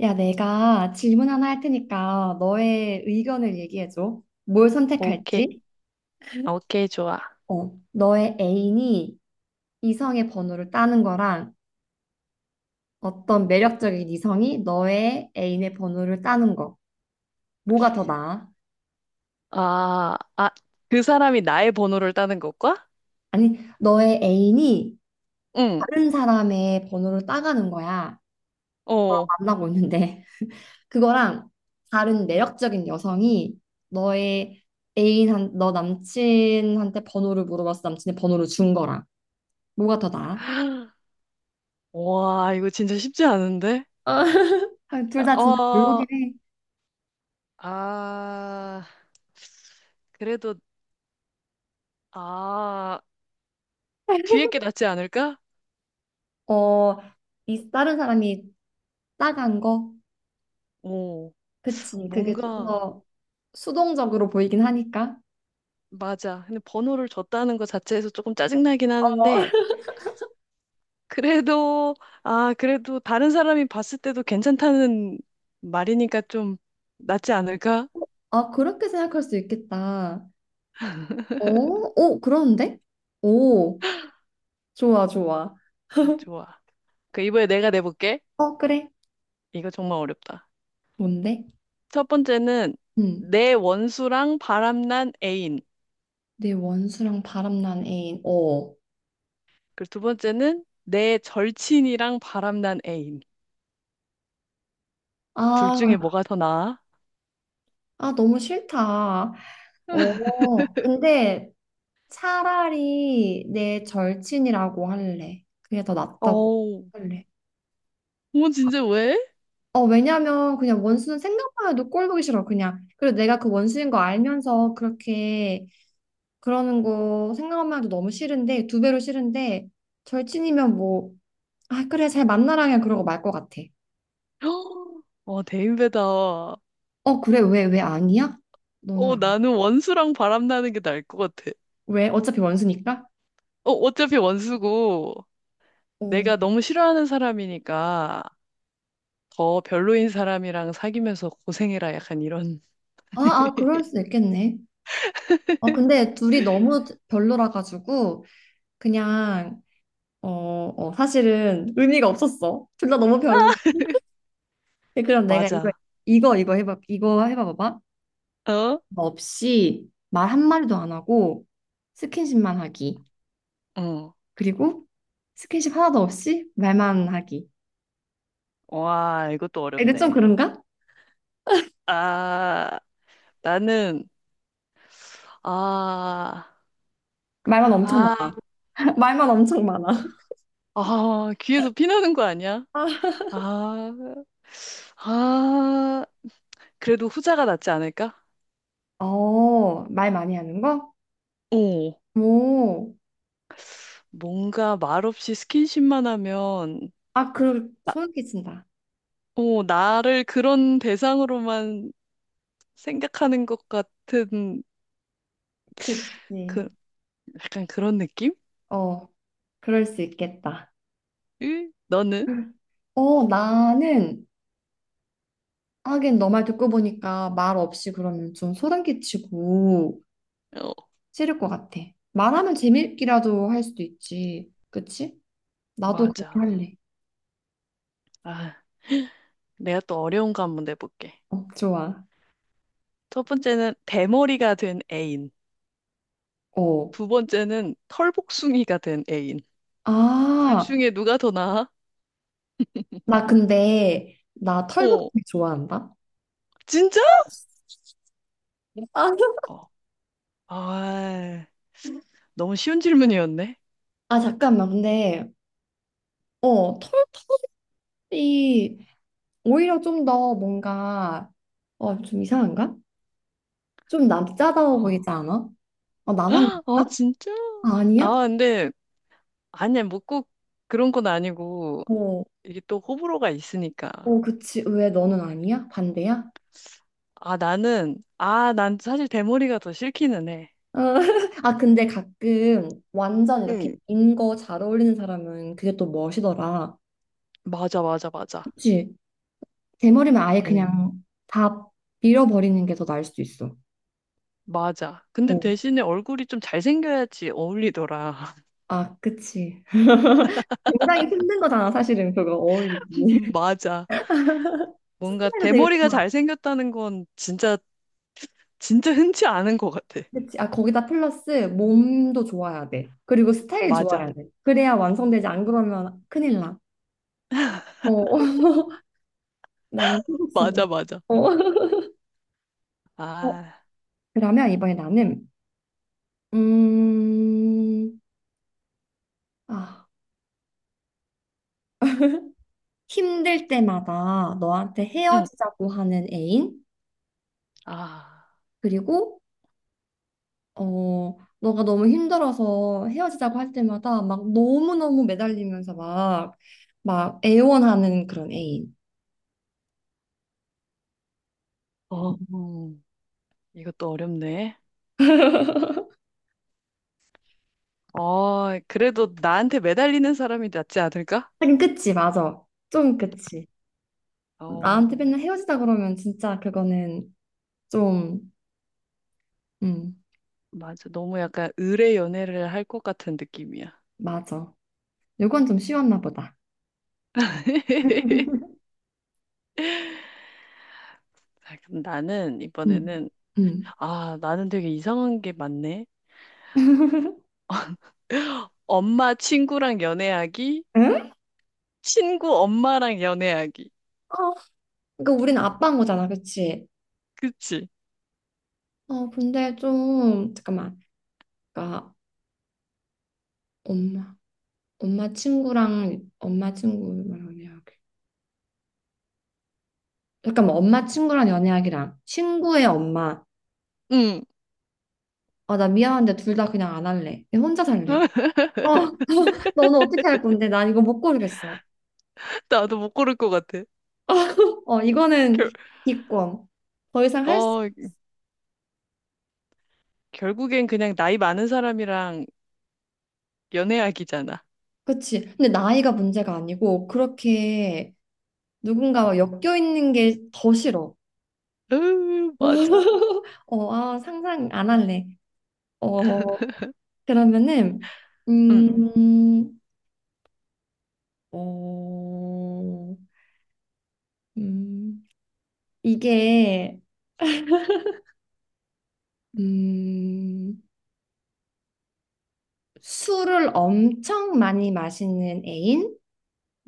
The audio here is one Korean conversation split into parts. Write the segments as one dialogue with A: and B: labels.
A: 야, 내가 질문 하나 할 테니까 너의 의견을 얘기해줘. 뭘
B: 오케이,
A: 선택할지?
B: 오케이, 좋아.
A: 어, 너의 애인이 이성의 번호를 따는 거랑 어떤 매력적인 이성이 너의 애인의 번호를 따는 거. 뭐가 더 나아?
B: 아, 아, 그 사람이 나의 번호를 따는 것과?
A: 아니, 너의 애인이
B: 응,
A: 다른 사람의 번호를 따가는 거야.
B: 어.
A: 만나고 있는데. 그거랑 다른 매력적인 여성이 너의 너 남친한테 번호를 물어봤어. 남친의 번호를 준 거랑. 뭐가 더 나아?
B: 와, 이거 진짜 쉽지 않은데?
A: 어, 둘 다 진짜
B: 어,
A: 별로긴 해.
B: 아, 그래도, 아, 뒤에 게 낫지 않을까?
A: 어, 이 다른 사람이 따간 거?
B: 오,
A: 그치. 그게 좀
B: 뭔가,
A: 더 수동적으로 보이긴 하니까.
B: 맞아. 근데 번호를 줬다는 것 자체에서 조금 짜증나긴
A: 어.
B: 하는데, 그래도, 그래도 다른 사람이 봤을 때도 괜찮다는 말이니까 좀 낫지 않을까?
A: 아, 그렇게 생각할 수 있겠다. 어? 오, 그런데? 오, 좋아, 좋아.
B: 좋아. 그 이번에 내가 내볼게.
A: 어, 그래.
B: 이거 정말 어렵다.
A: 뭔데?
B: 첫 번째는
A: 응.
B: 내 원수랑 바람난 애인.
A: 내 원수랑 바람난 애인. 어.
B: 그리고 두 번째는 내 절친이랑 바람난 애인. 둘
A: 아,
B: 중에 뭐가 더 나아?
A: 아, 너무 싫다. 어, 근데 차라리 내 절친이라고 할래. 그게 더 낫다고
B: 어우,
A: 할래.
B: 어머 진짜 왜?
A: 어, 왜냐면 그냥 원수는 생각만 해도 꼴 보기 싫어, 그냥. 그리고 내가 그 원수인 거 알면서 그렇게 그러는 거 생각만 해도 너무 싫은데, 두 배로 싫은데, 절친이면 뭐, 아, 그래, 잘 만나라 그냥 그러고 말 것 같아.
B: 어, 대인배다. 어,
A: 어, 그래, 왜 아니야? 너는 안-
B: 나는 원수랑 바람나는 게 나을 것 같아.
A: 왜? 어차피 원수니까?
B: 어, 어차피 원수고
A: 어.
B: 내가 너무 싫어하는 사람이니까 더 별로인 사람이랑 사귀면서 고생해라 약간 이런.
A: 아, 아, 그럴 수 있겠네. 어, 근데 둘이 너무 별로라 가지고, 그냥 어, 어, 사실은 의미가 없었어. 둘 다 너무 별로. 근데 그럼 내가
B: 맞아.
A: 이거 해봐, 이거 해봐봐봐.
B: 어?
A: 뭐 없이 말 한마디도 안 하고 스킨십만 하기.
B: 응.
A: 그리고 스킨십 하나도 없이 말만 하기.
B: 와, 이것도
A: 근데 좀
B: 어렵네.
A: 그런가?
B: 아, 나는, 아,
A: 말만 엄청
B: 아,
A: 많아. 말만 엄청 많아.
B: 귀에서 피 나는 거 아니야?
A: 아,
B: 아, 아, 그래도 후자가 낫지 않을까?
A: 어, 말 많이 하는 거?
B: 오,
A: 오,
B: 뭔가 말없이 스킨십만 하면,
A: 아, 그, 소름 끼친다.
B: 오, 나를 그런 대상으로만 생각하는 것 같은,
A: 그치.
B: 그, 약간 그런 느낌?
A: 어, 그럴 수 있겠다.
B: 으, 너는?
A: 어, 나는 하긴 너 말 듣고 보니까 말 없이 그러면 좀 소름 끼치고
B: 어,
A: 싫을 것 같아. 말하면 재밌기라도 할 수도 있지. 그치? 나도 그렇게
B: 맞아.
A: 할래.
B: 아, 내가 또 어려운 거 한번 내볼게.
A: 어, 좋아.
B: 첫 번째는 대머리가 된 애인.
A: 어.
B: 두 번째는 털복숭이가 된 애인. 둘
A: 아,
B: 중에 누가 더 나아?
A: 나 근데 나
B: 어,
A: 털복숭이 좋아한다.
B: 진짜?
A: 아,
B: 어, 아, 너무 쉬운 질문이었네.
A: 아, 잠깐만. 근데 어, 털털이 오히려 좀 더 뭔가 어, 좀 이상한가? 좀 남자다워
B: 어,
A: 보이지 않아? 어, 나만
B: 헉, 아,
A: 그런가?
B: 진짜?
A: 아, 아니야?
B: 아, 근데, 아니야, 뭐 꼭 그런 건 아니고,
A: 어.
B: 이게 또 호불호가 있으니까.
A: 어, 그치. 왜 너는 아니야? 반대야?
B: 나는, 아, 난 사실 대머리가 더 싫기는 해.
A: 어, 아, 근데 가끔 완전 이렇게
B: 응.
A: 긴 거 잘 어울리는 사람은 그게 또 멋이더라.
B: 맞아, 맞아, 맞아.
A: 그치? 대머리면 아예
B: 어,
A: 그냥 다 밀어버리는 게 더 나을 수도 있어.
B: 맞아. 근데
A: 어,
B: 대신에 얼굴이 좀 잘생겨야지 어울리더라.
A: 아, 그치. 굉장히 힘든 거잖아, 사실은 그거 어울리기.
B: 맞아. 뭔가
A: 스타일도 되게
B: 대머리가
A: 좋아.
B: 잘생겼다는 건 진짜, 진짜 흔치 않은 것 같아.
A: 그치? 아, 거기다 플러스 몸도 좋아야 돼. 그리고 스타일
B: 맞아.
A: 좋아야 돼. 그래야 완성되지. 안 그러면 큰일 나. 어, 나는 피복숭이.
B: 맞아, 맞아.
A: 어.
B: 아,
A: 그러면 이번에 나는, 음, 아, 힘들 때마다 너한테
B: 응.
A: 헤어지자고 하는 애인,
B: 아,
A: 그리고, 어, 너가 너무 힘들어서 헤어지자고 할 때마다 막 너무너무 매달리면서 막 애원하는 그런 애인.
B: 어, 이것도 어렵네. 어, 그래도 나한테 매달리는 사람이 낫지 않을까?
A: 하긴, 그치, 맞아. 좀 그치. 나한테
B: 어,
A: 맨날 헤어지자 그러면 진짜 그거는 좀, 음,
B: 맞아. 너무 약간 의뢰 연애를 할 것 같은 느낌이야.
A: 맞아. 요건 좀 쉬웠나 보다.
B: 자, 그럼 나는
A: 음,
B: 이번에는,
A: 음.
B: 아, 나는 되게 이상한 게 많네. 엄마 친구랑 연애하기,
A: 응?
B: 친구 엄마랑 연애하기.
A: 어, 그러니까 우리는 아빠인 거잖아, 그치?
B: 그치?
A: 어, 근데 좀 잠깐만. 그러니까 엄마, 엄마 친구랑 연애하기. 잠깐만, 엄마 친구랑 연애하기랑 친구의 엄마.
B: 응.
A: 아, 나 미안한데 둘 다 그냥 안 할래. 그냥 혼자 살래. 어, 너는 어떻게 할 건데? 난 이거 못 고르겠어.
B: 나도 못 고를 것 같아.
A: 어, 이거는
B: 결,
A: 기권. 더 이상 할 수,
B: 어, 결국엔 그냥 나이 많은 사람이랑 연애하기잖아.
A: 그치. 근데 나이가 문제가 아니고, 그렇게 누군가와 엮여 있는 게 더 싫어.
B: 으, 맞아.
A: 어, 아, 상상 안 할래. 어, 그러면은,
B: 응,
A: 음, 어, 음, 이게, 음, 술을 엄청 많이 마시는 애인?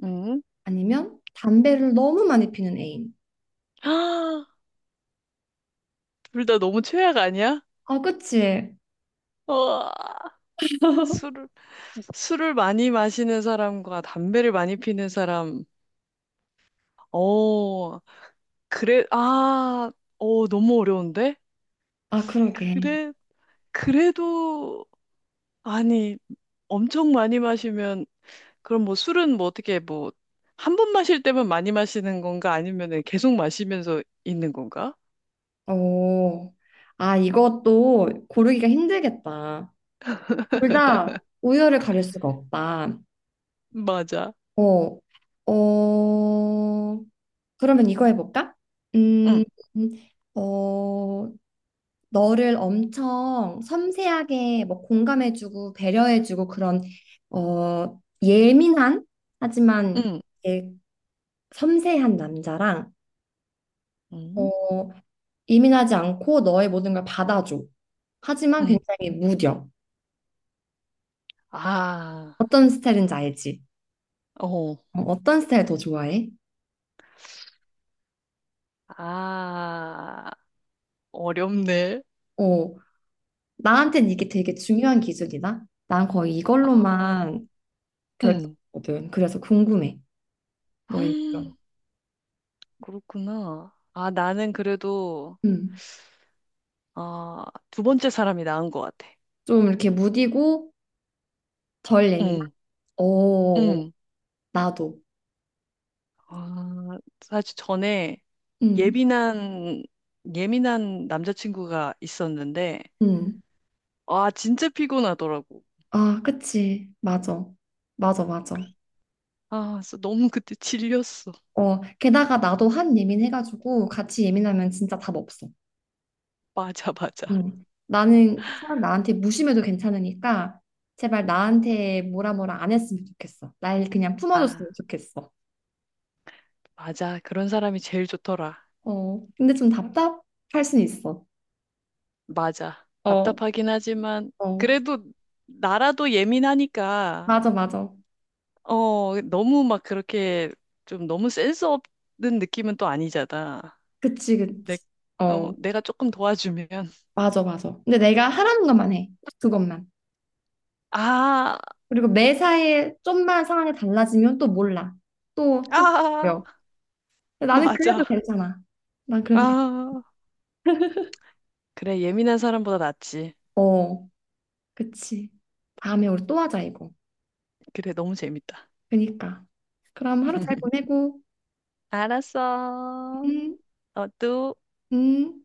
B: 응.
A: 아니면 담배를 너무 많이 피는 애인?
B: 둘 다 너무 최악 아니야?
A: 아, 그치?
B: 와, 술을, 술을 많이 마시는 사람과 담배를 많이 피는 사람. 어, 그래, 아, 어, 너무 어려운데?
A: 아, 그러게.
B: 그래, 그래도, 아니, 엄청 많이 마시면 그럼 뭐 술은 뭐 어떻게 뭐 한 번 마실 때만 많이 마시는 건가? 아니면은 계속 마시면서 있는 건가?
A: 오, 아, 이것도 고르기가 힘들겠다. 둘 다 우열을 가릴 수가 없다.
B: 맞아.
A: 어, 어, 그러면 이거 해볼까?
B: 응,
A: 음, 어, 너를 엄청 섬세하게 뭐 공감해주고 배려해주고 그런 어, 예민한 하지만
B: 응,
A: 이 섬세한 남자랑
B: 응,
A: 어, 예민하지 않고 너의 모든 걸 받아줘. 하지만
B: 응.
A: 굉장히 무뎌.
B: 아,
A: 어떤 스타일인지 알지?
B: 어,
A: 어, 어떤 스타일 더 좋아해?
B: 아, 어렵네.
A: 어, 나한테는 이게 되게 중요한 기준이다. 난 거의
B: 아,
A: 이걸로만
B: 응.
A: 결정하거든. 그래서 궁금해.
B: 헉,
A: 너의 의견.
B: 그렇구나. 아, 나는 그래도,
A: 음.
B: 아, 두 번째 사람이 나은 것 같아.
A: 좀 이렇게 무디고 덜 예민한?
B: 응,
A: 오,
B: 응.
A: 나도.
B: 아, 사실 전에
A: 음,
B: 예민한, 예민한 남자친구가 있었는데,
A: 음.
B: 아, 진짜 피곤하더라고.
A: 아, 그치. 맞아. 맞아, 맞아.
B: 아, 그래서 너무 그때 질렸어.
A: 어, 게다가 나도 한 예민해가지고 같이 예민하면 진짜 답 없어.
B: 맞아, 맞아.
A: 음. 나는 사람 나한테 무심해도 괜찮으니까 제발 나한테 뭐라 뭐라 안 했으면 좋겠어. 날 그냥
B: 아,
A: 품어줬으면 좋겠어.
B: 맞아. 그런 사람이 제일 좋더라.
A: 어, 근데 좀 답답할 순 있어.
B: 맞아.
A: 어,
B: 답답하긴 하지만,
A: 어,
B: 그래도 나라도 예민하니까,
A: 맞아, 맞아.
B: 어, 너무 막 그렇게 좀 너무 센스 없는 느낌은 또 아니잖아.
A: 그치,
B: 내,
A: 그치.
B: 어,
A: 어,
B: 내가 조금 도와주면,
A: 맞아, 맞아. 근데 내가 하라는 것만 해. 딱 그것만.
B: 아,
A: 그리고 매사에 좀만 상황이 달라지면 또 몰라. 또, 또
B: 아,
A: 바뀌어. 근데 나는 그래도
B: 맞아.
A: 괜찮아. 난 그래도 괜찮아.
B: 아, 그래. 예민한 사람보다 낫지.
A: 어, 그치. 다음에 우리 또 하자, 이거.
B: 그래. 너무 재밌다.
A: 그니까. 그럼 하루 잘 보내고.
B: 알았어.
A: 음,
B: 어, 또.
A: 음.